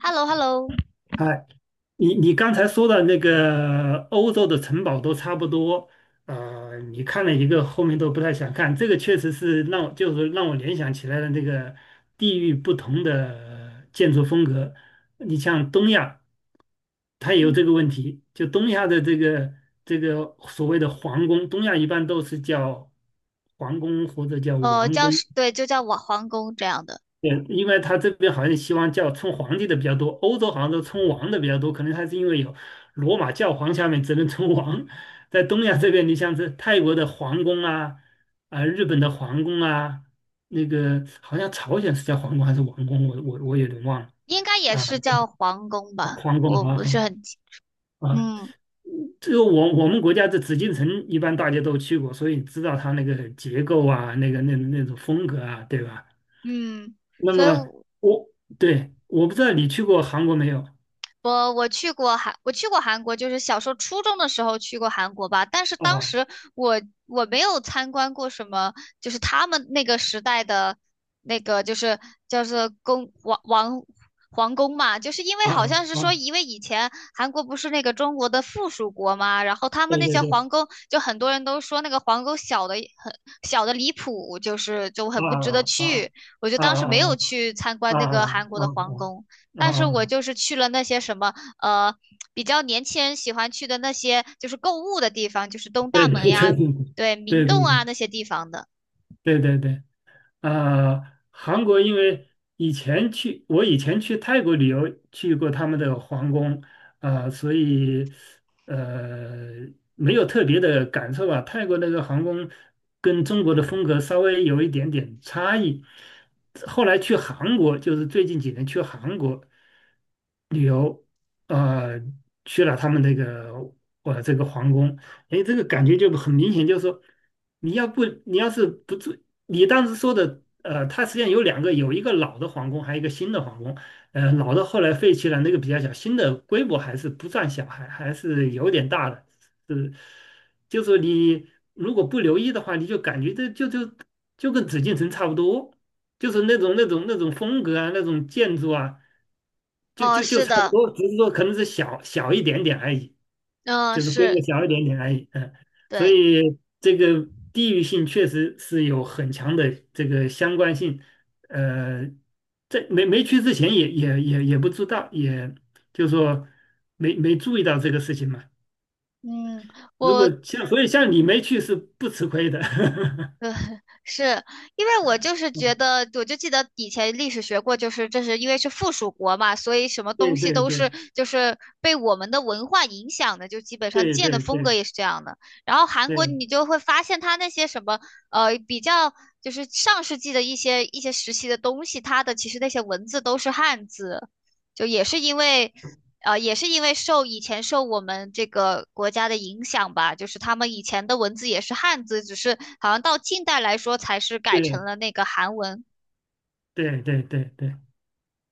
h e l l o h e l l o。 哎，你刚才说的那个欧洲的城堡都差不多，你看了一个后面都不太想看，这个确实是让我联想起来了那个地域不同的建筑风格。你像东亚，它也有这嗯，个问题，就东亚的这个所谓的皇宫，东亚一般都是叫皇宫或者叫王叫宫，是，对，就叫我皇宫这样的。对，因为他这边好像希望叫称皇帝的比较多，欧洲好像都称王的比较多，可能他是因为有罗马教皇下面只能称王，在东亚这边，你像是泰国的皇宫啊，啊、日本的皇宫啊，那个好像朝鲜是叫皇宫还是王宫，我有点忘了。应该也啊，是叫皇宫皇吧，皇宫我好不是像很清。啊，嗯这个我们国家的紫禁城一般大家都去过，所以知道它那个结构啊，那个那种风格啊，对吧？嗯，那所以么，我对，我不知道你去过韩国没有。我去过韩，我去过韩国，就是小时候初中的时候去过韩国吧。但是当啊时我我没有参观过什么，就是他们那个时代的那个就是叫做宫王王皇宫嘛。就是因为好啊像是说，啊！因为以前韩国不是那个中国的附属国嘛，然后他们对那对些对。皇宫，就很多人都说那个皇宫很小的离谱，就是就很不值得啊啊啊去。我就啊当时没有啊去参观啊那个韩国的皇啊宫。啊！但是我啊，就是去了那些什么呃，比较年轻人喜欢去的那些就是购物的地方，就是东大对对门对呀。对对，明对对洞啊对那些地方的。对对对。啊，韩国因为以前去，我以前去泰国旅游去过他们的皇宫。啊，所以呃没有特别的感受吧。泰国那个皇宫跟中国的风格稍微有一点点差异。后来去韩国，就是最近几年去韩国，旅游，呃，去了他们那个这个皇宫。哎，这个感觉就很明显，就是说，你要是不住，你当时说的，它实际上有两个，有一个老的皇宫，还有一个新的皇宫。老的后来废弃了，那个比较小，新的规模还是不算小，还是有点大的。是，就是你如果不留意的话，你就感觉这就跟紫禁城差不多，就是那种风格啊，那种建筑啊。就哦，就就是差不的。多，只是说可能是小小一点点而已，嗯，就是规是，模小一点点而已。嗯，所对。以这个地域性确实是有很强的这个相关性。呃，在没去之前也不知道，也就是说没注意到这个事情嘛。嗯，如我果像所以像你没去是不吃亏的。呃，是因为我就是觉得，我就记得以前历史学过，就是这是因为是附属国嘛，所以什么东对西对都是对就是被我们的文化影响的，就基本上对建的对对风格对也是这样的。然后韩国对你就会发现它那些什么比较就是上世纪的一些时期的东西，它的其实那些文字都是汉字，就也是因为也是因为受以前受我们这个国家的影响吧，就是他们以前的文字也是汉字，只是好像到近代来说才是改成对了那个韩文。对对对。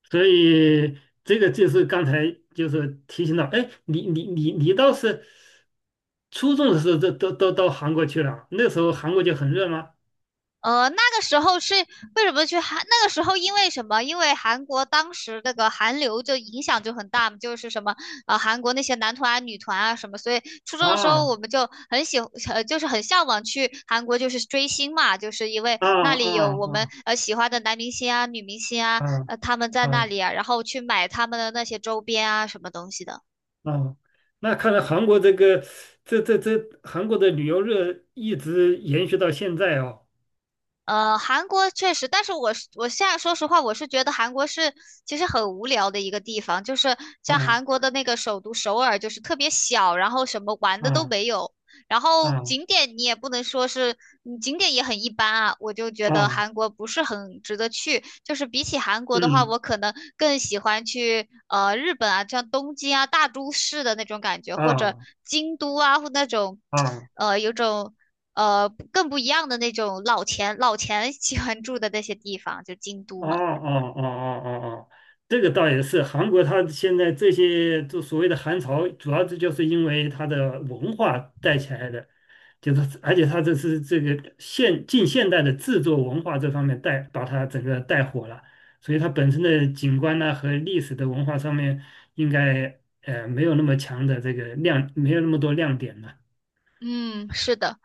所以这个就是刚才就是提醒到，哎，你倒是初中的时候都到韩国去了，那时候韩国就很热吗？那个时候是为什么去韩？那个时候因为什么？因为韩国当时那个韩流就影响就很大嘛，就是什么韩国那些男团啊、女团啊什么，所以初中的时候我啊们就很就是很向往去韩国就是追星嘛，就是因为啊那里有啊啊我们喜欢的男明星啊、女明星啊，啊他们在啊那里啊，然后去买他们的那些周边啊什么东西的。啊！那看来韩国这个这这这韩国的旅游热一直延续到现在哦。韩国确实，但是我是我现在说实话，我是觉得韩国是其实很无聊的一个地方，就是像啊韩国的那个首都首尔，就是特别小，然后什么玩的都啊没有，然后啊景点你也不能说是，景点也很一般啊，我就觉得啊！韩国不是很值得去。就是比起韩国的话，嗯我可能更喜欢去日本啊，像东京啊大都市的那种感觉，或者啊京都啊，或那种啊。有种更不一样的那种老钱喜欢住的那些地方，就京都哦嘛。哦哦哦哦哦，这个倒也是，韩国它现在这些就所谓的韩潮，主要这就是因为它的文化带起来的，就是而且它这是这个现近现代的制作文化这方面带把它整个带火了，所以它本身的景观呢和历史的文化上面应该没有那么强的这个亮，没有那么多亮点了。嗯，是的。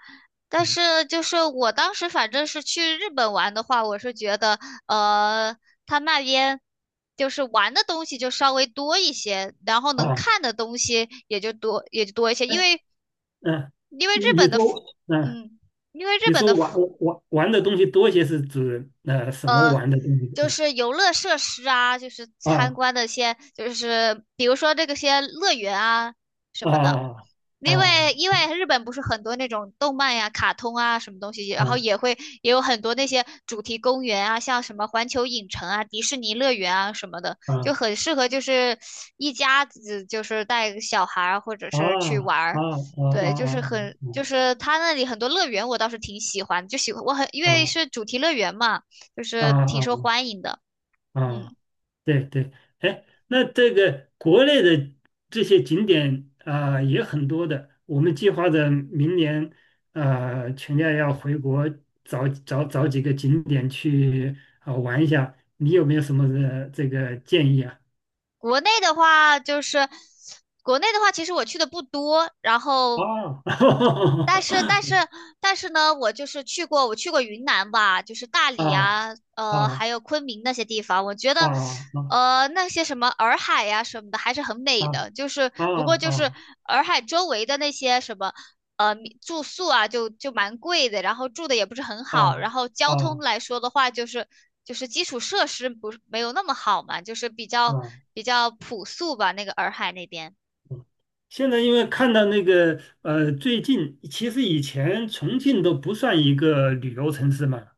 但嗯是就是我当时反正是去日本玩的话，我是觉得呃，他那边就是玩的东西就稍微多一些，然后能啊，看的东西也就多一些，哎因为嗯，因为日你本的 说，嗯。嗯，因为日你本的 说玩 的东西多些是指什么玩的东西。就是游乐设施啊，就是参啊观的一些就是比如说这个些乐园啊什么的。啊啊因为啊因为日本不是很多那种动漫呀、卡通啊什么东西，然后啊也有很多那些主题公园啊，像什么环球影城啊、迪士尼乐园啊什么的，啊就啊很适合就是一家子就是带个小孩儿或者是去啊玩啊儿。对，就是很就啊是他那里很多乐园我倒是挺喜欢，就喜欢我很因啊为啊是主题乐园嘛，就啊是啊！挺受啊欢迎的。啊，嗯。对对，哎，那这个国内的这些景点啊、也很多的，我们计划着明年啊全家要回国找几个景点去啊、玩一下，你有没有什么这个建议啊？国内的话，就是国内的话，其实我去的不多，然后，啊，但是但是但是呢，我就是去过，我去过云南吧，就是大理啊啊，啊还有昆明那些地方，我觉啊得，啊啊那些什么洱海呀、什么的还是很美的，就是啊不过就是啊洱海周围的那些什么。呃住宿啊就蛮贵的，然后住的也不是很啊好，然后交通啊来说的话，就是基础设施不是没有那么好嘛，就是比啊！较嗯比较朴素吧，那个洱海那边。现在因为看到那个最近其实以前重庆都不算一个旅游城市嘛，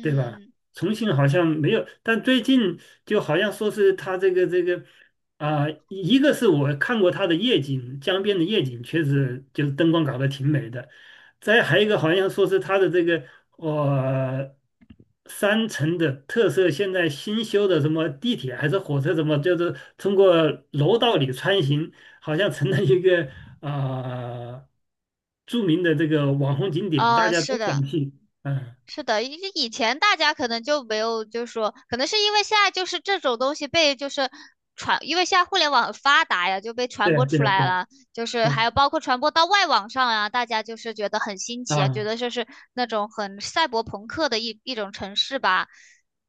对吧？重庆好像没有，但最近就好像说是他这个啊、一个是我看过他的夜景，江边的夜景确实就是灯光搞得挺美的，再还有一个好像说是他的这个呃山城的特色，现在新修的什么地铁还是火车什么，就是通过楼道里穿行，好像成了一个啊、著名的这个网红景点，大家都是想的。去。嗯。是的，以前大家可能就没有，就是说，可能是因为现在就是这种东西被就是传，因为现在互联网很发达呀，就被传对播啊，对出啊，来对啊了，就是对还有包括传播到外网上啊，大家就是觉得很新奇啊，啊觉得就是那种很赛博朋克的一种城市吧。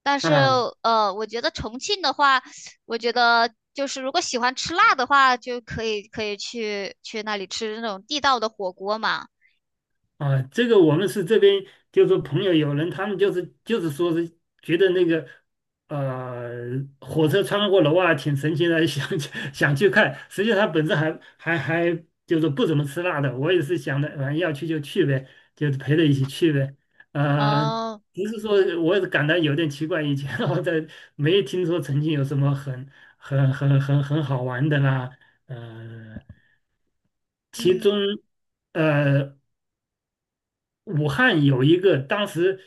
但是啊我觉得重庆的话，我觉得就是如果喜欢吃辣的话，就可以去那里吃那种地道的火锅嘛。啊！这个我们是这边就是说朋友有人，他们就是说是觉得那个呃火车穿过楼啊挺神奇的，想去想去看。实际上他本身还就是不怎么吃辣的，我也是想的，反正要去就去呗，就是陪着一起去呗。呃，哦，不是说我也感到有点奇怪，以前 我在没听说曾经有什么很好玩的啦，呃，其中。嗯。呃，武汉有一个当时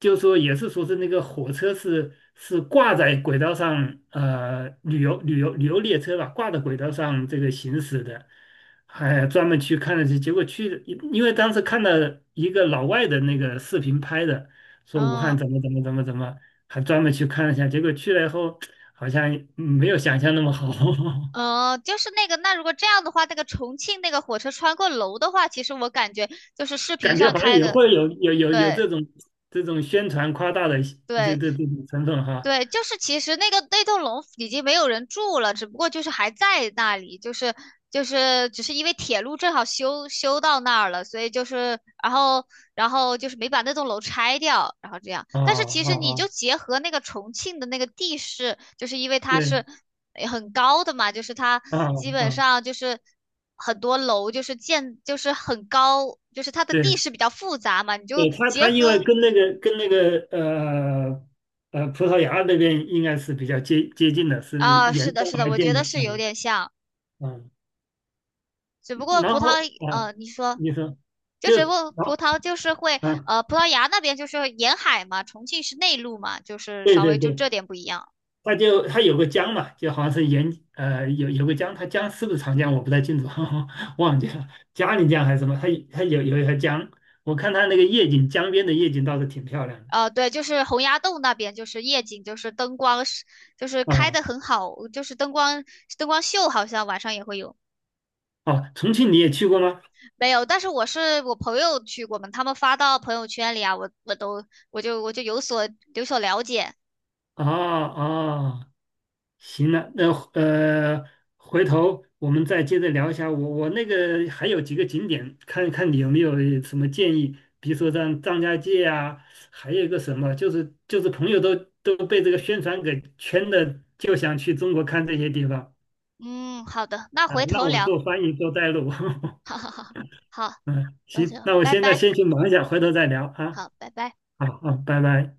就说也是说是那个火车是挂在轨道上，旅游列车吧，挂在轨道上这个行驶的，还专门去看了去，结果去，因为当时看到一个老外的那个视频拍的，说武汉哦，怎么怎么怎么怎么，还专门去看了一下，结果去了以后好像没有想象那么好。嗯，就是那个，那如果这样的话，那个重庆那个火车穿过楼的话，其实我感觉就是视频感觉上好像开也的。会有对这种宣传夸大的这对，这这种成分哈。对，就是其实那个那栋楼已经没有人住了，只不过就是还在那里，就是只是因为铁路正好修到那儿了，所以就是然后就是没把那栋楼拆掉，然后这样。啊但是其啊实你就啊，结合那个重庆的那个地势，就是因为它对，是很高的嘛，就是它啊基本啊，上就是很多楼就是建就是很高，就是它的地对，势比较复杂嘛，你就对，他结他因为合跟那个跟那个葡萄牙那边应该是比较接近的，是啊沿是的着是的，而我觉建得的，是有嗯点像。嗯，只不过葡然萄，后啊，你说。你说，就就只不过然后葡萄就是会，啊，葡萄牙那边就是沿海嘛，重庆是内陆嘛，就是对稍对微就对，这点不一样。他有个江嘛，就好像是沿有个江，它江是不是长江我不太清楚。忘记了，嘉陵江还是什么，它有一条江，我看它那个夜景，江边的夜景倒是挺漂亮的对，就是洪崖洞那边，就是夜景，就是灯光是，就是开啊。的很好，就是灯光秀，好像晚上也会有。哦，重庆你也去过吗？没有，但是我朋友去过嘛，他们发到朋友圈里啊，我都我就有所了解。啊啊，行了，那回头我们再接着聊一下。我那个还有几个景点，看看你有没有什么建议，比如说像张家界啊，还有一个什么，就是朋友都被这个宣传给圈的，就想去中国看这些地方嗯，好的，那啊，回头让我聊。做翻译做带路。哈 哈哈，好。嗯，那就行，那我拜现在拜。先去忙一下，回头再聊啊。好，拜拜。好好，拜拜。